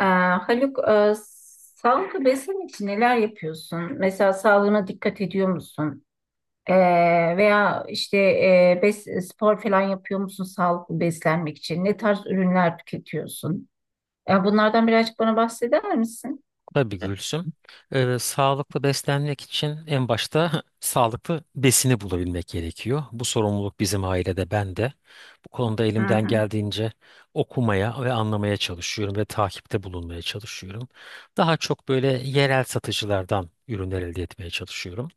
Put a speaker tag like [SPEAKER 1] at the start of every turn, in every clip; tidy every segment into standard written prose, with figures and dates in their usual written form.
[SPEAKER 1] Haluk, sağlıklı beslenmek için neler yapıyorsun? Mesela sağlığına dikkat ediyor musun? Ee, Veya işte spor falan yapıyor musun sağlıklı beslenmek için? Ne tarz ürünler tüketiyorsun? Ya bunlardan birazcık bana bahseder misin?
[SPEAKER 2] Tabii Gülsüm. Sağlıklı beslenmek için en başta sağlıklı besini bulabilmek gerekiyor. Bu sorumluluk bizim ailede, ben de. Bu konuda
[SPEAKER 1] Hı
[SPEAKER 2] elimden
[SPEAKER 1] hı
[SPEAKER 2] geldiğince okumaya ve anlamaya çalışıyorum ve takipte bulunmaya çalışıyorum. Daha çok böyle yerel satıcılardan ürünler elde etmeye çalışıyorum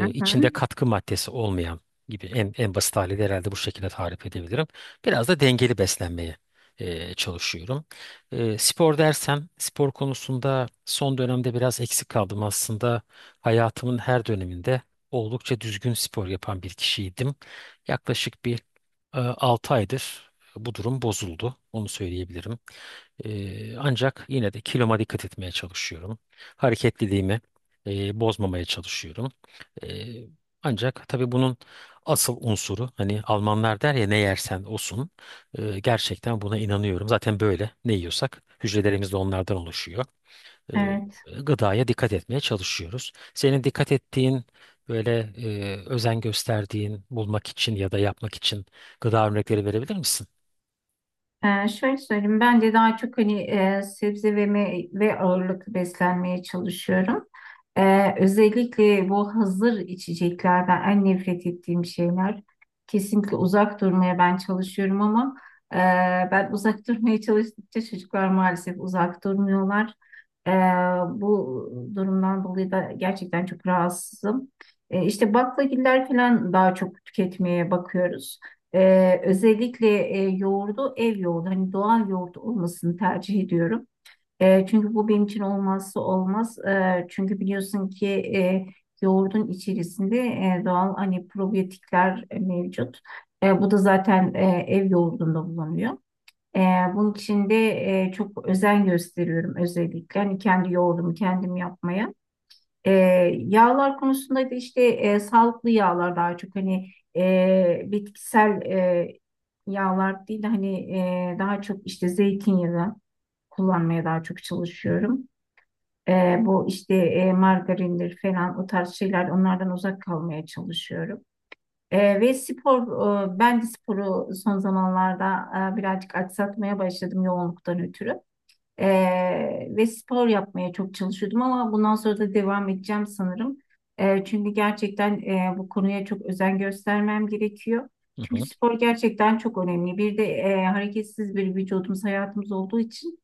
[SPEAKER 1] hı. hı.
[SPEAKER 2] içinde katkı maddesi olmayan gibi en basit haliyle herhalde bu şekilde tarif edebilirim. Biraz da dengeli beslenmeye çalışıyorum. Spor dersem spor konusunda son dönemde biraz eksik kaldım aslında. Hayatımın her döneminde oldukça düzgün spor yapan bir kişiydim. Yaklaşık bir e, aydır bu durum bozuldu. Onu söyleyebilirim. Ancak yine de kiloma dikkat etmeye çalışıyorum. Hareketliliğimi bozmamaya çalışıyorum. Ee, ancak tabii bunun asıl unsuru hani Almanlar der ya ne yersen osun. Gerçekten buna inanıyorum. Zaten böyle ne yiyorsak hücrelerimiz de onlardan oluşuyor. Ee,
[SPEAKER 1] Evet.
[SPEAKER 2] gıdaya dikkat etmeye çalışıyoruz. Senin dikkat ettiğin böyle özen gösterdiğin bulmak için ya da yapmak için gıda örnekleri verebilir misin?
[SPEAKER 1] Şöyle söyleyeyim, bence daha çok sebze ve meyve ağırlıklı beslenmeye çalışıyorum. Özellikle bu hazır içeceklerden en nefret ettiğim şeyler. Kesinlikle uzak durmaya ben çalışıyorum ama e, ben uzak durmaya çalıştıkça çocuklar maalesef uzak durmuyorlar. Ee, Bu durumdan dolayı da gerçekten çok rahatsızım. İşte baklagiller falan daha çok tüketmeye bakıyoruz. Özellikle yoğurdu ev yoğurdu hani doğal yoğurt olmasını tercih ediyorum. Çünkü bu benim için olmazsa olmaz. Çünkü biliyorsun ki e, yoğurdun içerisinde doğal hani probiyotikler mevcut. Bu da zaten ev yoğurdunda bulunuyor. E, Bunun için de çok özen gösteriyorum özellikle. Hani kendi yoğurdumu kendim yapmaya. E, Yağlar konusunda da işte sağlıklı yağlar daha çok bitkisel yağlar değil de daha çok işte zeytinyağı kullanmaya daha çok çalışıyorum. E, Bu işte margarindir falan o tarz şeyler onlardan uzak kalmaya çalışıyorum. Ve spor, ben de sporu son zamanlarda birazcık aksatmaya başladım yoğunluktan ötürü. Ve spor yapmaya çok çalışıyordum ama bundan sonra da devam edeceğim sanırım. Çünkü gerçekten bu konuya çok özen göstermem gerekiyor.
[SPEAKER 2] Hı
[SPEAKER 1] Çünkü
[SPEAKER 2] hı.
[SPEAKER 1] spor gerçekten çok önemli. Bir de hareketsiz bir vücudumuz, hayatımız olduğu için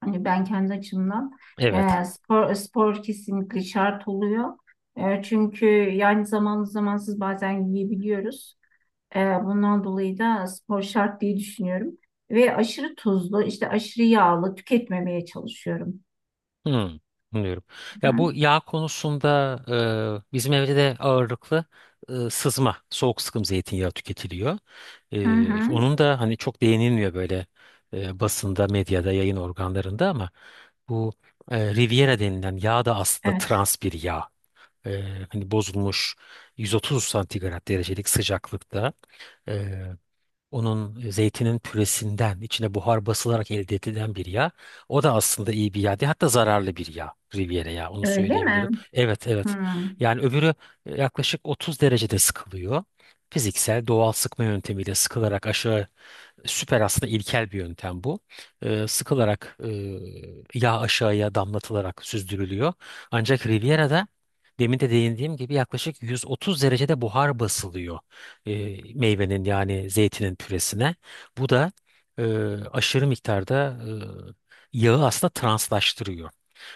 [SPEAKER 1] hani ben kendi açımdan
[SPEAKER 2] Evet.
[SPEAKER 1] spor kesinlikle şart oluyor. Çünkü yani zamanlı zamansız bazen yiyebiliyoruz. Ee, Bundan dolayı da spor şart diye düşünüyorum. Ve aşırı tuzlu, işte aşırı yağlı tüketmemeye çalışıyorum.
[SPEAKER 2] Hı. Anlıyorum.
[SPEAKER 1] Hı
[SPEAKER 2] Ya
[SPEAKER 1] hı.
[SPEAKER 2] bu yağ konusunda bizim evde de ağırlıklı sızma, soğuk sıkım zeytinyağı tüketiliyor.
[SPEAKER 1] Hı
[SPEAKER 2] Ee,
[SPEAKER 1] hı.
[SPEAKER 2] onun da hani çok değinilmiyor böyle basında, medyada, yayın organlarında ama bu Riviera denilen yağ da aslında
[SPEAKER 1] Evet.
[SPEAKER 2] trans bir yağ. Ee, hani bozulmuş 130 santigrat derecelik sıcaklıkta e, onun zeytinin püresinden içine buhar basılarak elde edilen bir yağ. O da aslında iyi bir yağ değil, hatta zararlı bir yağ. Riviera yağı onu
[SPEAKER 1] Öyle
[SPEAKER 2] söyleyebilirim.
[SPEAKER 1] mi?
[SPEAKER 2] Evet
[SPEAKER 1] Hı.
[SPEAKER 2] evet. Yani öbürü yaklaşık 30 derecede sıkılıyor, fiziksel doğal sıkma yöntemiyle sıkılarak aşağı. Süper, aslında ilkel bir yöntem bu. Sıkılarak yağ aşağıya damlatılarak süzdürülüyor. Ancak Riviera'da demin de değindiğim gibi yaklaşık 130 derecede buhar basılıyor e, meyvenin yani zeytinin püresine. Bu da e, aşırı miktarda yağı aslında translaştırıyor.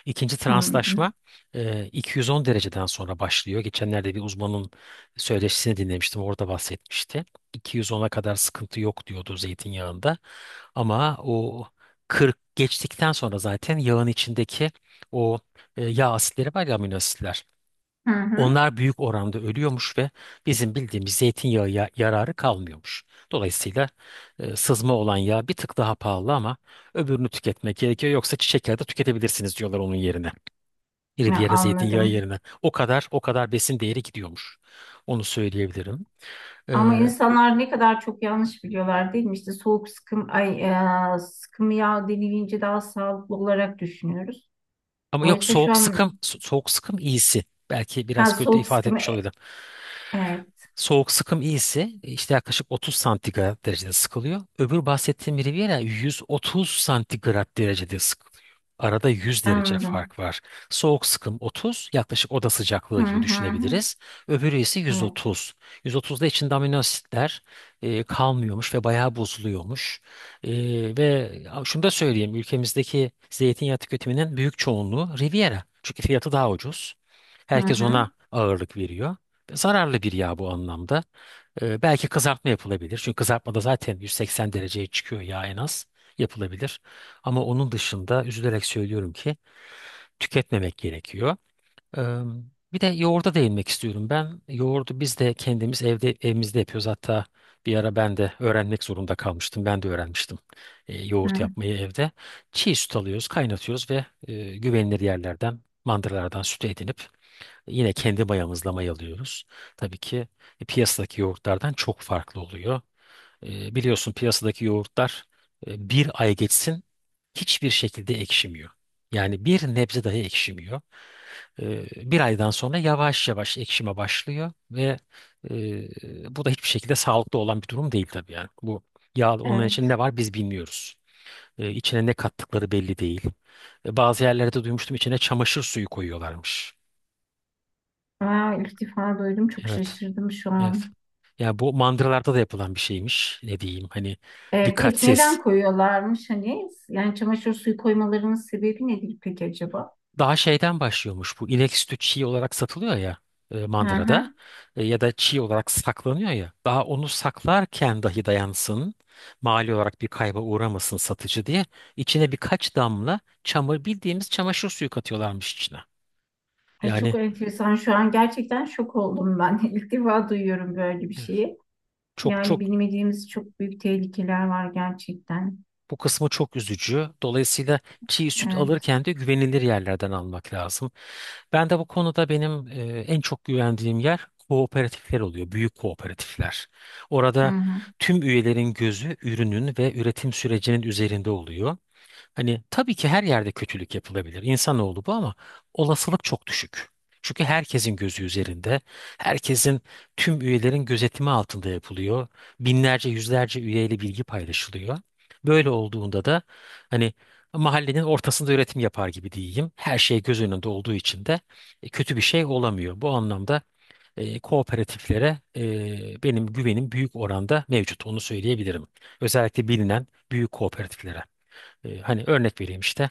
[SPEAKER 2] İkinci translaşma
[SPEAKER 1] Anladım.
[SPEAKER 2] 210 dereceden sonra başlıyor. Geçenlerde bir uzmanın söyleşisini dinlemiştim, orada bahsetmişti. 210'a kadar sıkıntı yok diyordu zeytinyağında. Ama o 40 geçtikten sonra zaten yağın içindeki o yağ asitleri var ya, amino asitler.
[SPEAKER 1] Hı hı.
[SPEAKER 2] Onlar büyük oranda ölüyormuş ve bizim bildiğimiz zeytinyağı yararı kalmıyormuş. Dolayısıyla sızma olan yağ bir tık daha pahalı ama öbürünü tüketmek gerekiyor. Yoksa çiçek yağı da tüketebilirsiniz diyorlar onun yerine.
[SPEAKER 1] Ya,
[SPEAKER 2] Riviera zeytinyağı
[SPEAKER 1] anladım.
[SPEAKER 2] yerine. O kadar o kadar besin değeri gidiyormuş. Onu söyleyebilirim.
[SPEAKER 1] Ama
[SPEAKER 2] E,
[SPEAKER 1] insanlar ne kadar çok yanlış biliyorlar değil mi? İşte soğuk sıkım, ay, sıkım yağ denilince daha sağlıklı olarak düşünüyoruz.
[SPEAKER 2] Ama yok,
[SPEAKER 1] Oysa şu
[SPEAKER 2] soğuk
[SPEAKER 1] an
[SPEAKER 2] sıkım soğuk sıkım iyisi. Belki biraz
[SPEAKER 1] ha,
[SPEAKER 2] kötü
[SPEAKER 1] soğuk
[SPEAKER 2] ifade
[SPEAKER 1] sıkım,
[SPEAKER 2] etmiş olabilirim.
[SPEAKER 1] evet
[SPEAKER 2] Soğuk sıkım iyisi işte yaklaşık 30 santigrat derecede sıkılıyor. Öbür bahsettiğim Riviera 130 santigrat derecede sıkılıyor. Arada 100 derece
[SPEAKER 1] anladım.
[SPEAKER 2] fark var. Soğuk sıkım 30, yaklaşık oda sıcaklığı
[SPEAKER 1] Hı
[SPEAKER 2] gibi
[SPEAKER 1] hı. hı.
[SPEAKER 2] düşünebiliriz. Öbürü ise
[SPEAKER 1] Evet.
[SPEAKER 2] 130. 130'da içinde amino asitler kalmıyormuş ve bayağı bozuluyormuş. E, ve şunu da söyleyeyim, ülkemizdeki zeytinyağı tüketiminin büyük çoğunluğu Riviera. Çünkü fiyatı daha ucuz.
[SPEAKER 1] Hı
[SPEAKER 2] Herkes
[SPEAKER 1] hı.
[SPEAKER 2] ona ağırlık veriyor. Zararlı bir yağ bu anlamda. Belki kızartma yapılabilir. Çünkü kızartmada zaten 180 dereceye çıkıyor yağ en az, yapılabilir. Ama onun dışında üzülerek söylüyorum ki tüketmemek gerekiyor. Ee, bir de yoğurda değinmek istiyorum ben. Yoğurdu biz de kendimiz evde evimizde yapıyoruz. Hatta bir ara ben de öğrenmek zorunda kalmıştım. Ben de öğrenmiştim yoğurt
[SPEAKER 1] Hı.
[SPEAKER 2] yapmayı evde. Çiğ süt alıyoruz, kaynatıyoruz ve güvenilir yerlerden, mandıralardan süt edinip yine kendi mayamızla mayalıyoruz. Tabii ki piyasadaki yoğurtlardan çok farklı oluyor. Biliyorsun piyasadaki yoğurtlar bir ay geçsin hiçbir şekilde ekşimiyor. Yani bir nebze dahi ekşimiyor. Bir aydan sonra yavaş yavaş ekşime başlıyor ve bu da hiçbir şekilde sağlıklı olan bir durum değil tabii yani. Bu yağ onun
[SPEAKER 1] Evet.
[SPEAKER 2] için ne var biz bilmiyoruz. E, içine ne kattıkları belli değil. Bazı yerlerde duymuştum içine çamaşır suyu koyuyorlarmış.
[SPEAKER 1] Aa, ilk defa duydum. Çok
[SPEAKER 2] Evet.
[SPEAKER 1] şaşırdım şu
[SPEAKER 2] Evet.
[SPEAKER 1] an.
[SPEAKER 2] Ya bu mandıralarda da yapılan bir şeymiş. Ne diyeyim, hani
[SPEAKER 1] Peki
[SPEAKER 2] dikkatsiz.
[SPEAKER 1] neden koyuyorlarmış hani? Yani çamaşır suyu koymalarının sebebi nedir peki acaba?
[SPEAKER 2] Daha şeyden başlıyormuş, bu inek sütü çiğ olarak satılıyor ya
[SPEAKER 1] Hı
[SPEAKER 2] mandırada.
[SPEAKER 1] hı.
[SPEAKER 2] Ya da çiğ olarak saklanıyor ya. Daha onu saklarken dahi dayansın, mali olarak bir kayba uğramasın satıcı diye, içine birkaç damla çamur, bildiğimiz çamaşır suyu katıyorlarmış içine.
[SPEAKER 1] Ay, çok
[SPEAKER 2] Yani
[SPEAKER 1] enteresan. Şu an gerçekten şok oldum ben. İlk defa duyuyorum böyle bir
[SPEAKER 2] evet,
[SPEAKER 1] şeyi.
[SPEAKER 2] çok
[SPEAKER 1] Yani
[SPEAKER 2] çok.
[SPEAKER 1] bilmediğimiz çok büyük tehlikeler var gerçekten.
[SPEAKER 2] Bu kısmı çok üzücü. Dolayısıyla çiğ süt
[SPEAKER 1] Evet.
[SPEAKER 2] alırken de güvenilir yerlerden almak lazım. Ben de bu konuda, benim en çok güvendiğim yer kooperatifler oluyor, büyük kooperatifler.
[SPEAKER 1] Hı
[SPEAKER 2] Orada
[SPEAKER 1] hı.
[SPEAKER 2] tüm üyelerin gözü ürünün ve üretim sürecinin üzerinde oluyor. Hani tabii ki her yerde kötülük yapılabilir, İnsanoğlu bu, ama olasılık çok düşük. Çünkü herkesin gözü üzerinde, herkesin, tüm üyelerin gözetimi altında yapılıyor. Binlerce, yüzlerce üyeyle bilgi paylaşılıyor. Böyle olduğunda da hani mahallenin ortasında üretim yapar gibi diyeyim. Her şey göz önünde olduğu için de kötü bir şey olamıyor. Bu anlamda kooperatiflere benim güvenim büyük oranda mevcut. Onu söyleyebilirim. Özellikle bilinen büyük kooperatiflere. Hani örnek vereyim, işte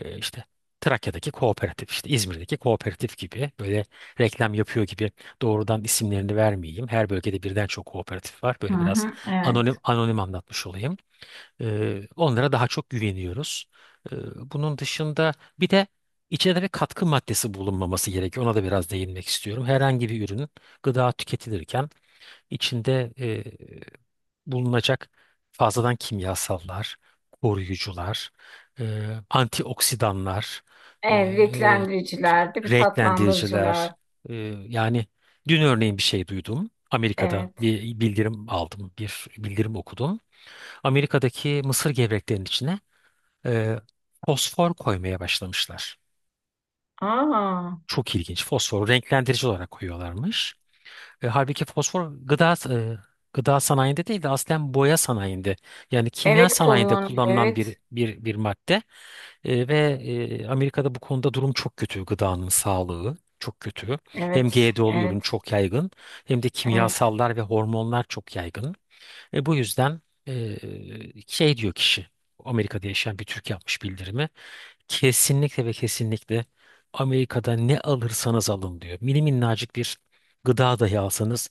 [SPEAKER 2] işte Trakya'daki kooperatif, işte İzmir'deki kooperatif gibi. Böyle reklam yapıyor gibi doğrudan isimlerini vermeyeyim. Her bölgede birden çok kooperatif var.
[SPEAKER 1] Hı
[SPEAKER 2] Böyle biraz
[SPEAKER 1] hı. Evet.
[SPEAKER 2] anonim anonim anlatmış olayım. Onlara daha çok güveniyoruz. E, bunun dışında bir de içinde bir katkı maddesi bulunmaması gerekiyor. Ona da biraz değinmek istiyorum. Herhangi bir ürün, gıda tüketilirken içinde bulunacak fazladan kimyasallar, koruyucular, antioksidanlar,
[SPEAKER 1] Evet,
[SPEAKER 2] e,
[SPEAKER 1] renklendiriciler, değil mi? Tatlandırıcılar.
[SPEAKER 2] renklendiriciler. e, Yani dün örneğin bir şey duydum. Amerika'da
[SPEAKER 1] Evet.
[SPEAKER 2] bir bildirim aldım, bir bildirim okudum. Amerika'daki mısır gevreklerinin içine e, fosfor koymaya başlamışlar.
[SPEAKER 1] Aa,
[SPEAKER 2] Çok ilginç. Fosforu renklendirici olarak koyuyorlarmış. Halbuki fosfor gıda, gıda sanayinde değil de aslen boya sanayinde, yani kimya
[SPEAKER 1] evet
[SPEAKER 2] sanayinde
[SPEAKER 1] kullanılıyor.
[SPEAKER 2] kullanılan
[SPEAKER 1] Evet.
[SPEAKER 2] bir madde. Ve Amerika'da bu konuda durum çok kötü, gıdanın sağlığı çok kötü. Hem
[SPEAKER 1] Evet.
[SPEAKER 2] GDO'lu ürün
[SPEAKER 1] Evet.
[SPEAKER 2] çok yaygın, hem de
[SPEAKER 1] Evet.
[SPEAKER 2] kimyasallar ve hormonlar çok yaygın. Bu yüzden e, şey diyor kişi, Amerika'da yaşayan bir Türk yapmış bildirimi. Kesinlikle ve kesinlikle Amerika'da ne alırsanız alın diyor. Mini minnacık bir gıda dahi alsanız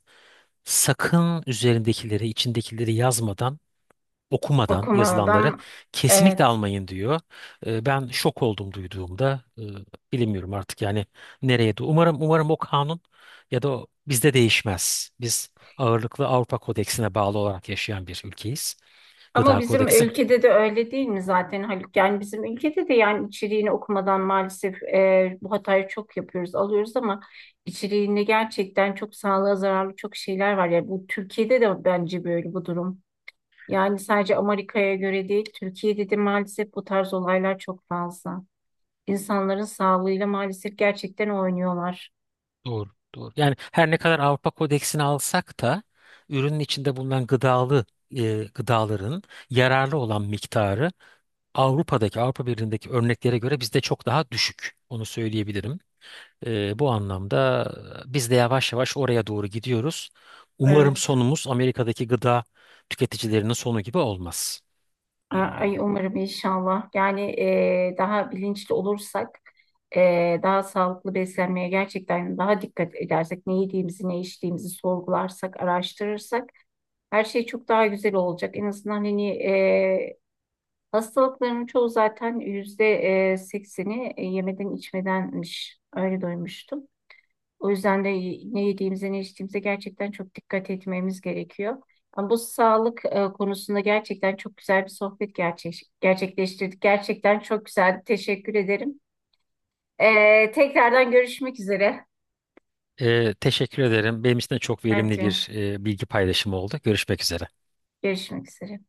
[SPEAKER 2] sakın üzerindekileri, içindekileri, yazmadan, okumadan yazılanları
[SPEAKER 1] Okumadan
[SPEAKER 2] kesinlikle
[SPEAKER 1] evet.
[SPEAKER 2] almayın diyor. Ben şok oldum duyduğumda. Bilemiyorum artık yani nereye de. Umarım umarım o kanun ya da o bizde değişmez. Biz ağırlıklı Avrupa Kodeksine bağlı olarak yaşayan bir ülkeyiz.
[SPEAKER 1] Ama
[SPEAKER 2] Gıda
[SPEAKER 1] bizim
[SPEAKER 2] Kodeksi.
[SPEAKER 1] ülkede de öyle değil mi zaten Haluk? Yani bizim ülkede de yani içeriğini okumadan maalesef bu hatayı çok yapıyoruz, alıyoruz ama içeriğinde gerçekten çok sağlığa zararlı çok şeyler var. Yani bu Türkiye'de de bence böyle bu durum. Yani sadece Amerika'ya göre değil, Türkiye'de de maalesef bu tarz olaylar çok fazla. İnsanların sağlığıyla maalesef gerçekten oynuyorlar.
[SPEAKER 2] Doğru, doğru. Yani her ne kadar Avrupa Kodeksini alsak da ürünün içinde bulunan gıdalı, gıdaların yararlı olan miktarı Avrupa'daki, Avrupa Birliği'ndeki örneklere göre bizde çok daha düşük. Onu söyleyebilirim. Bu anlamda biz de yavaş yavaş oraya doğru gidiyoruz. Umarım
[SPEAKER 1] Evet.
[SPEAKER 2] sonumuz Amerika'daki gıda tüketicilerinin sonu gibi olmaz. Ee,
[SPEAKER 1] Ay umarım inşallah. Yani daha bilinçli olursak, daha sağlıklı beslenmeye gerçekten daha dikkat edersek, ne yediğimizi, ne içtiğimizi sorgularsak, araştırırsak her şey çok daha güzel olacak. En azından hastalıkların çoğu zaten yüzde 80'i yemeden içmedenmiş. Öyle duymuştum. O yüzden de ne yediğimize ne içtiğimize gerçekten çok dikkat etmemiz gerekiyor. Ama bu sağlık konusunda gerçekten çok güzel bir sohbet gerçekleştirdik. Gerçekten çok güzel. Teşekkür ederim. Tekrardan görüşmek üzere.
[SPEAKER 2] teşekkür ederim. Benim için de çok verimli
[SPEAKER 1] Bence
[SPEAKER 2] bir bilgi paylaşımı oldu. Görüşmek üzere.
[SPEAKER 1] görüşmek üzere.